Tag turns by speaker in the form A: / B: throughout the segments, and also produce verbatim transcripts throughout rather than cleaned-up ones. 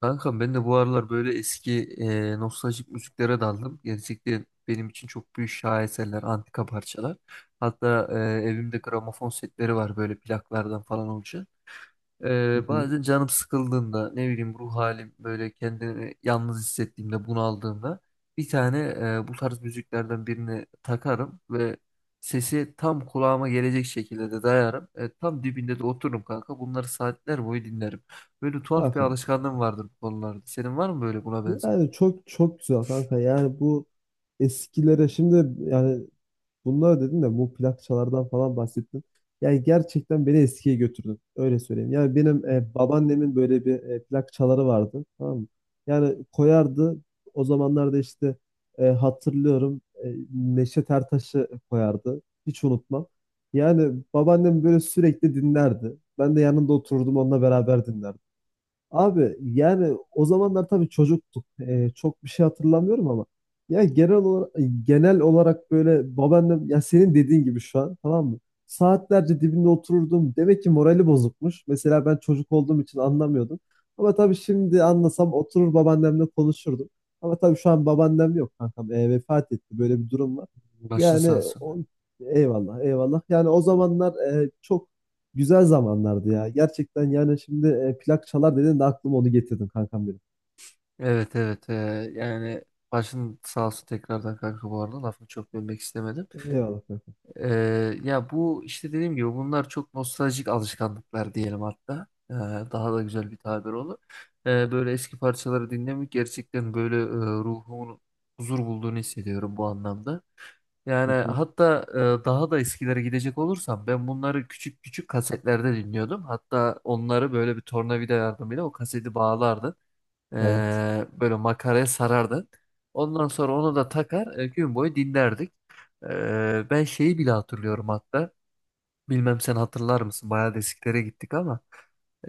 A: Kankam ben de bu aralar böyle eski e, nostaljik müziklere daldım. Gerçekten benim için çok büyük şaheserler, antika parçalar. Hatta e, evimde gramofon setleri var böyle plaklardan falan olacak.
B: Hı
A: Ee,
B: hı.
A: bazen canım sıkıldığında ne bileyim ruh halim böyle kendimi yalnız hissettiğimde bunaldığımda bir tane e, bu tarz müziklerden birini takarım ve sesi tam kulağıma gelecek şekilde de dayarım. E, tam dibinde de otururum kanka. Bunları saatler boyu dinlerim. Böyle tuhaf bir
B: Kanka,
A: alışkanlığım vardır bu konularda. Senin var mı böyle buna benzer?
B: yani çok çok güzel kanka. Yani bu eskilere şimdi yani bunlar dedin de bu plakçalardan falan bahsettin. Yani gerçekten beni eskiye götürdün. Öyle söyleyeyim. Yani benim e, babaannemin böyle bir e, plak vardı. Tamam mı? Yani koyardı. O zamanlarda işte e, hatırlıyorum e, Neşet Ertaş'ı koyardı. Hiç unutmam. Yani babaannem böyle sürekli dinlerdi. Ben de yanında otururdum onunla beraber dinlerdim. Abi yani o zamanlar tabii çocuktuk. Ee, çok bir şey hatırlamıyorum ama ya genel olarak genel olarak böyle babaannem ya senin dediğin gibi şu an tamam mı? Saatlerce dibinde otururdum. Demek ki morali bozukmuş. Mesela ben çocuk olduğum için anlamıyordum. Ama tabii şimdi anlasam oturur babaannemle konuşurdum. Ama tabii şu an babaannem yok kankam. Ee, vefat etti. Böyle bir durum var.
A: Başın sağ
B: Yani
A: olsun.
B: o, eyvallah eyvallah. Yani o zamanlar e, çok güzel zamanlardı ya. Gerçekten yani şimdi e, plak çalar dedin de aklıma onu getirdim kankam benim.
A: Evet, evet, e, yani başın sağ olsun tekrardan kanka, bu arada lafını çok bölmek istemedim.
B: Eyvallah kankam.
A: Ee, ya bu işte dediğim gibi bunlar çok nostaljik alışkanlıklar diyelim hatta. Ee, daha da güzel bir tabir olur. Ee, böyle eski parçaları dinlemek gerçekten böyle e, ruhumun huzur bulduğunu hissediyorum bu anlamda.
B: Hı
A: Yani
B: hı.
A: hatta e, daha da eskilere gidecek olursam ben bunları küçük küçük kasetlerde dinliyordum. Hatta onları böyle bir tornavida yardımıyla o kaseti bağlardım.
B: Evet.
A: Ee, böyle makaraya sarardın. Ondan sonra onu da takar, e, gün boyu dinlerdik. Ee, ben şeyi bile hatırlıyorum hatta. Bilmem sen hatırlar mısın? Bayağı desiklere gittik ama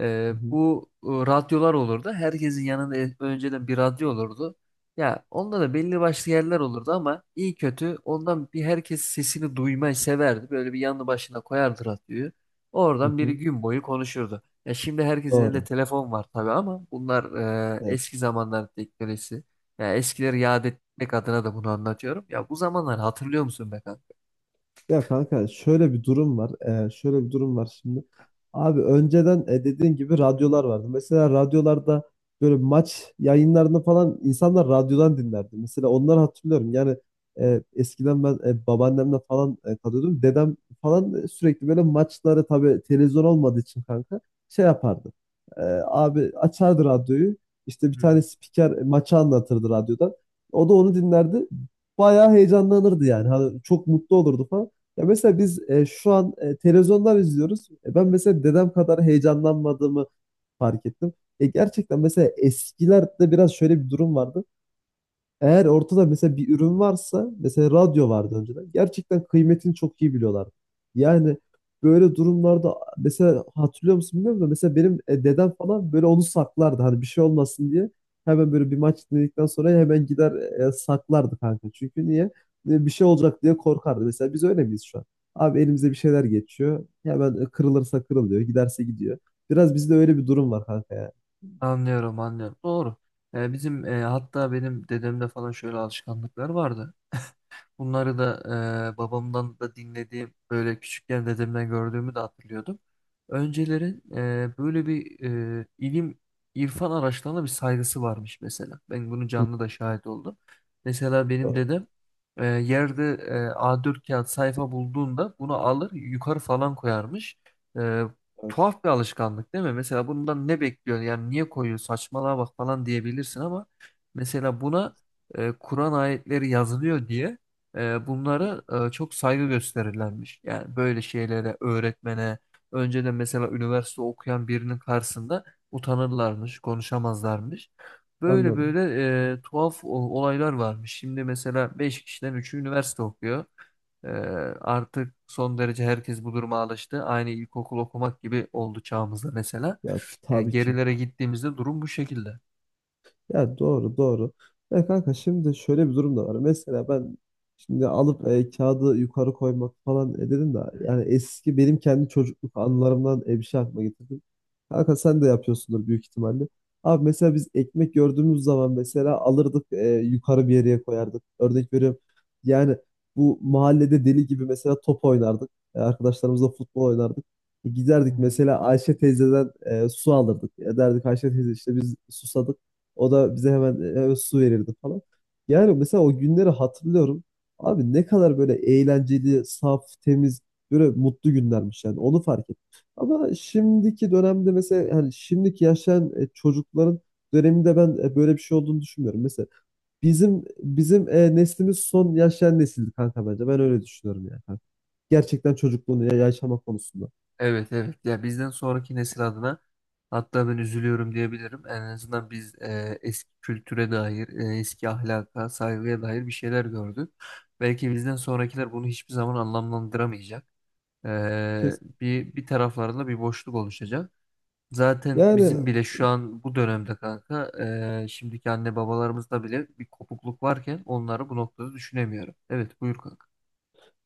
A: e,
B: Hı hı.
A: bu e, radyolar olurdu. Herkesin yanında e- önceden bir radyo olurdu. Ya onda da belli başlı yerler olurdu ama iyi kötü ondan bir herkes sesini duymayı severdi. Böyle bir yanı başına koyardı radyoyu.
B: Hı
A: Oradan biri
B: hı.
A: gün boyu konuşurdu. Ya şimdi herkesin elinde
B: Doğru.
A: telefon var tabii ama bunlar e,
B: Evet.
A: eski zamanlar teknolojisi. Ya eskileri yad etmek adına da bunu anlatıyorum. Ya bu zamanları hatırlıyor musun be
B: Ya kanka şöyle bir durum var. Ee, şöyle bir durum var şimdi. Abi önceden e, dediğin gibi radyolar vardı. Mesela radyolarda böyle maç yayınlarını falan insanlar radyodan dinlerdi. Mesela onları hatırlıyorum. Yani e, eskiden ben e, babaannemle falan e, kalıyordum. Dedem falan e, sürekli böyle maçları tabii televizyon olmadığı için kanka şey yapardı. E, Abi açardı radyoyu. İşte bir
A: kanka?
B: tane spiker e, maçı anlatırdı radyodan. O da onu dinlerdi. Bayağı heyecanlanırdı yani. Hani çok mutlu olurdu falan. Ya mesela biz e, şu an e, televizyondan izliyoruz. E, ben mesela dedem kadar heyecanlanmadığımı fark ettim. E, gerçekten mesela eskilerde biraz şöyle bir durum vardı. Eğer ortada mesela bir ürün varsa, mesela radyo vardı önceden. Gerçekten kıymetini çok iyi biliyorlardı. Yani böyle durumlarda mesela hatırlıyor musun bilmiyorum da mesela benim e, dedem falan böyle onu saklardı. Hani bir şey olmasın diye. Hemen böyle bir maç dinledikten sonra hemen gider e, saklardı kanka. Çünkü niye? E, bir şey olacak diye korkardı. Mesela biz öyle miyiz şu an? Abi elimize bir şeyler geçiyor. Hemen e, kırılırsa kırılıyor, giderse gidiyor. Biraz bizde öyle bir durum var kanka ya.
A: Anlıyorum, anlıyorum. Doğru. E, bizim e, hatta benim dedemde falan şöyle alışkanlıklar vardı. Bunları da e, babamdan da dinlediğim, böyle küçükken dedemden gördüğümü de hatırlıyordum. Öncelerin e, böyle bir e, ilim irfan araçlarına bir saygısı varmış mesela. Ben bunu
B: Hı.
A: canlı da şahit oldum. Mesela benim
B: Doğru.
A: dedem e, yerde e, a dört kağıt sayfa bulduğunda bunu alır yukarı falan koyarmış. E,
B: Evet,
A: tuhaf bir alışkanlık değil mi? Mesela bundan ne bekliyor? Yani niye koyuyor? Saçmalığa bak falan diyebilirsin ama mesela buna e, Kur'an ayetleri yazılıyor diye e, bunlara e, çok saygı gösterirlermiş. Yani böyle şeylere, öğretmene, önceden mesela üniversite okuyan birinin karşısında utanırlarmış, konuşamazlarmış. Böyle
B: anladım.
A: böyle e, tuhaf o- olaylar varmış. Şimdi mesela beş kişiden üçü üniversite okuyor. E, artık son derece herkes bu duruma alıştı. Aynı ilkokul okumak gibi oldu çağımızda mesela.
B: Ya
A: Yani
B: tabii ki.
A: gerilere gittiğimizde durum bu şekilde.
B: Ya doğru doğru. Ya kanka şimdi şöyle bir durum da var. Mesela ben şimdi alıp e, kağıdı yukarı koymak falan e, dedim de yani eski benim kendi çocukluk anılarımdan e, bir şey aklıma getirdim. Kanka sen de yapıyorsundur büyük ihtimalle. Abi mesela biz ekmek gördüğümüz zaman mesela alırdık e, yukarı bir yere koyardık. Örnek veriyorum. Yani bu mahallede deli gibi mesela top oynardık. E, arkadaşlarımızla futbol oynardık. E, giderdik mesela Ayşe teyzeden e, su alırdık. E, derdik Ayşe teyze işte biz susadık. O da bize hemen, hemen su verirdi falan. Yani mesela o günleri hatırlıyorum. Abi ne kadar böyle eğlenceli, saf, temiz, böyle mutlu günlermiş yani. Onu fark ettim. Ama şimdiki dönemde mesela yani şimdiki yaşayan e, çocukların döneminde ben e, böyle bir şey olduğunu düşünmüyorum. Mesela bizim bizim e, neslimiz son yaşayan nesildi kanka bence. Ben öyle düşünüyorum yani. Kanka. Gerçekten çocukluğunu ya- yaşama konusunda.
A: Evet, evet, ya bizden sonraki nesil adına hatta ben üzülüyorum diyebilirim. En azından biz e, eski kültüre dair, e, eski ahlaka, saygıya dair bir şeyler gördük. Belki bizden sonrakiler bunu hiçbir zaman anlamlandıramayacak. E,
B: Kesin.
A: bir bir taraflarında bir boşluk oluşacak. Zaten
B: Yani
A: bizim bile şu an bu dönemde kanka, e, şimdiki anne babalarımızda bile bir kopukluk varken onları bu noktada düşünemiyorum. Evet, buyur kanka.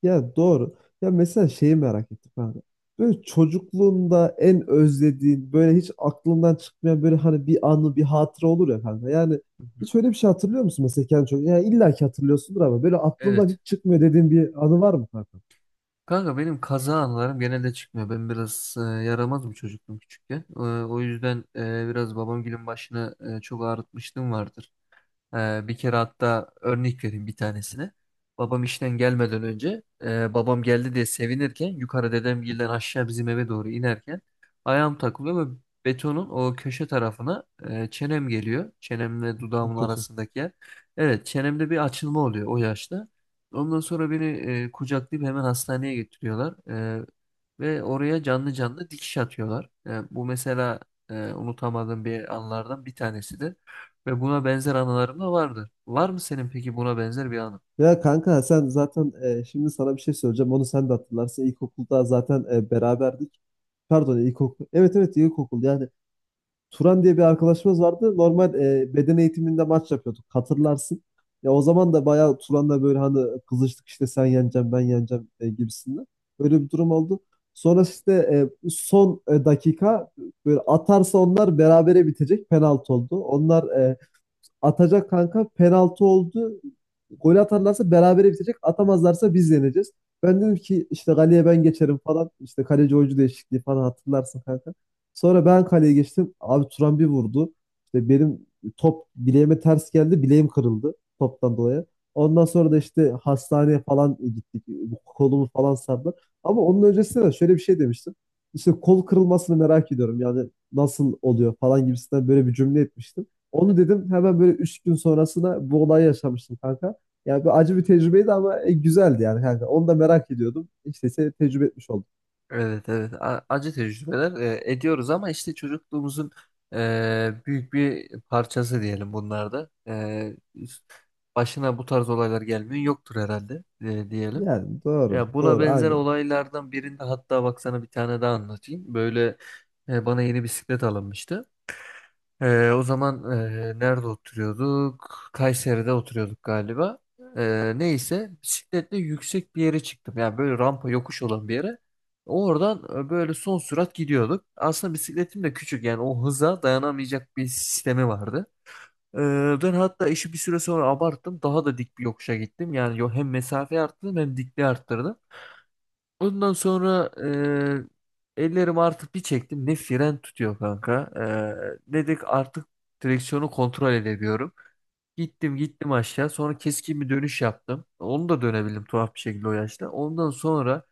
B: ya doğru. Ya mesela şeyi merak ettim kanka. Böyle çocukluğunda en özlediğin, böyle hiç aklından çıkmayan böyle hani bir anı, bir hatıra olur ya kanka. Yani
A: Hı hı.
B: hiç öyle bir şey hatırlıyor musun mesela kendi çocukluğunda? Yani illa ki hatırlıyorsundur ama böyle aklından
A: Evet.
B: hiç çıkmıyor dediğin bir anı var mı kanka?
A: Kanka benim kaza anılarım genelde çıkmıyor. Ben biraz e, yaramaz bir çocuktum küçükken. E, o yüzden e, biraz babam gülün başını e, çok ağrıtmışlığım vardır. Ee, bir kere hatta örnek vereyim bir tanesini. Babam işten gelmeden önce e, babam geldi diye sevinirken yukarı dedemgilden aşağı bizim eve doğru inerken ayağım takılıyor ve betonun o köşe tarafına e, çenem geliyor. Çenemle dudağımın
B: Çok kötü.
A: arasındaki yer. Evet, çenemde bir açılma oluyor o yaşta. Ondan sonra beni e, kucaklayıp hemen hastaneye getiriyorlar. E, ve oraya canlı canlı dikiş atıyorlar. E, bu mesela e, unutamadığım bir anlardan bir tanesidir. Ve buna benzer anılarım da vardır. Var mı senin peki buna benzer bir anın?
B: Ya kanka sen zaten e, şimdi sana bir şey söyleyeceğim. Onu sen de hatırlarsın. İlkokulda zaten e, beraberdik. Pardon ilkokul. Evet evet ilkokul. Yani Turan diye bir arkadaşımız vardı. Normal e, beden eğitiminde maç yapıyorduk. Hatırlarsın. Ya o zaman da bayağı Turan'la böyle hani kızıştık işte sen yeneceksin ben yeneceğim e, gibisinden. Böyle bir durum oldu. Sonra işte e, son e, dakika böyle atarsa onlar berabere bitecek penaltı oldu. Onlar e, atacak kanka. Penaltı oldu. Gol atarlarsa berabere bitecek. Atamazlarsa biz yeneceğiz. Ben dedim ki işte kaleye ben geçerim falan. İşte kaleci oyuncu değişikliği falan hatırlarsın kanka. Sonra ben kaleye geçtim. Abi Turan bir vurdu. İşte benim top bileğime ters geldi. Bileğim kırıldı toptan dolayı. Ondan sonra da işte hastaneye falan gittik. Kolumu falan sardılar. Ama onun öncesinde de şöyle bir şey demiştim. İşte kol kırılmasını merak ediyorum. Yani nasıl oluyor falan gibisinden böyle bir cümle etmiştim. Onu dedim hemen böyle üç gün sonrasında bu olayı yaşamıştım kanka. Yani bir acı bir tecrübeydi ama e, güzeldi yani kanka. Onu da merak ediyordum. İşte seni tecrübe etmiş oldum.
A: Evet, evet. A- acı tecrübeler e, ediyoruz ama işte çocukluğumuzun e, büyük bir parçası diyelim bunlarda. E, başına bu tarz olaylar gelmiyor yoktur herhalde, e, diyelim.
B: Yani doğru,
A: Ya buna
B: doğru,
A: benzer
B: aynen.
A: olaylardan birinde hatta bak sana bir tane daha anlatayım. Böyle e, bana yeni bisiklet alınmıştı. Ee, o zaman e, nerede oturuyorduk? Kayseri'de oturuyorduk galiba. Ee, neyse bisikletle yüksek bir yere çıktım. Yani böyle rampa yokuş olan bir yere. Oradan e, böyle son sürat gidiyorduk. Aslında bisikletim de küçük, yani o hıza dayanamayacak bir sistemi vardı. Ee, ben hatta işi bir süre sonra abarttım. Daha da dik bir yokuşa gittim. Yani yo- hem mesafeyi arttırdım hem dikliği arttırdım. Ondan sonra e, ellerimi artık bir çektim. Ne fren tutuyor kanka. E, dedik artık direksiyonu kontrol edemiyorum. Gittim gittim aşağı. Sonra keskin bir dönüş yaptım. Onu da dönebildim tuhaf bir şekilde o yaşta. Ondan sonra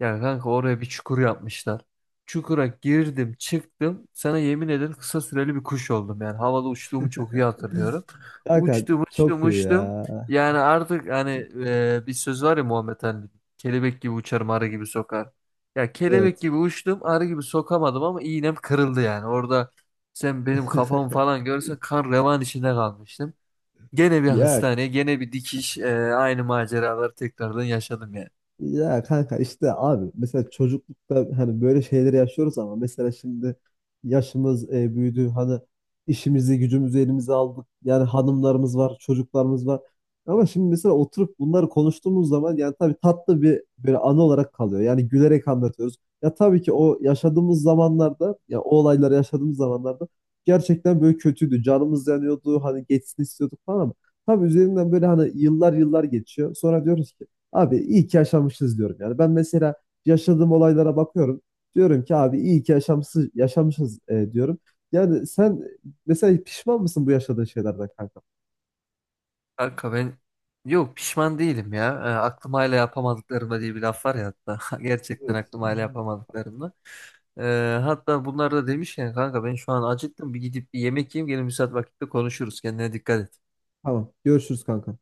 A: ya kanka, oraya bir çukur yapmışlar. Çukura girdim çıktım. Sana yemin ederim kısa süreli bir kuş oldum. Yani havada uçtuğumu çok iyi hatırlıyorum.
B: Kanka
A: Uçtum uçtum
B: çok iyi
A: uçtum.
B: ya.
A: Yani artık hani e, bir söz var ya Muhammed Ali'nin. Kelebek gibi uçarım, arı gibi sokar. Ya kelebek
B: Evet.
A: gibi uçtum, arı gibi sokamadım ama iğnem kırıldı yani. Orada sen benim kafamı falan görsen kan revan içinde kalmıştım. Gene bir
B: Ya
A: hastane, gene bir dikiş, e, aynı maceraları tekrardan yaşadım yani.
B: ya kanka işte abi mesela çocuklukta hani böyle şeyleri yaşıyoruz ama mesela şimdi yaşımız e, büyüdü hani işimizi gücümüzü elimize aldık yani hanımlarımız var çocuklarımız var ama şimdi mesela oturup bunları konuştuğumuz zaman yani tabii tatlı bir böyle anı olarak kalıyor yani gülerek anlatıyoruz ya tabii ki o yaşadığımız zamanlarda ya o olayları yaşadığımız zamanlarda gerçekten böyle kötüydü canımız yanıyordu hani geçsin istiyorduk falan ama tabii üzerinden böyle hani yıllar yıllar geçiyor sonra diyoruz ki abi iyi ki yaşamışız diyorum. Yani ben mesela yaşadığım olaylara bakıyorum. Diyorum ki abi iyi ki yaşamsız, yaşamışız e, diyorum. Yani sen mesela pişman mısın bu yaşadığın şeylerden kanka?
A: Kanka ben, yok, pişman değilim ya. E, aklım hala yapamadıklarımda diye bir laf var ya hatta. Gerçekten
B: Evet.
A: aklım hala yapamadıklarımda. E, hatta bunlar da demişken kanka ben şu an acıktım. Bir gidip bir yemek yiyeyim. Gene müsait vakitte konuşuruz. Kendine dikkat et.
B: Tamam. Görüşürüz kanka.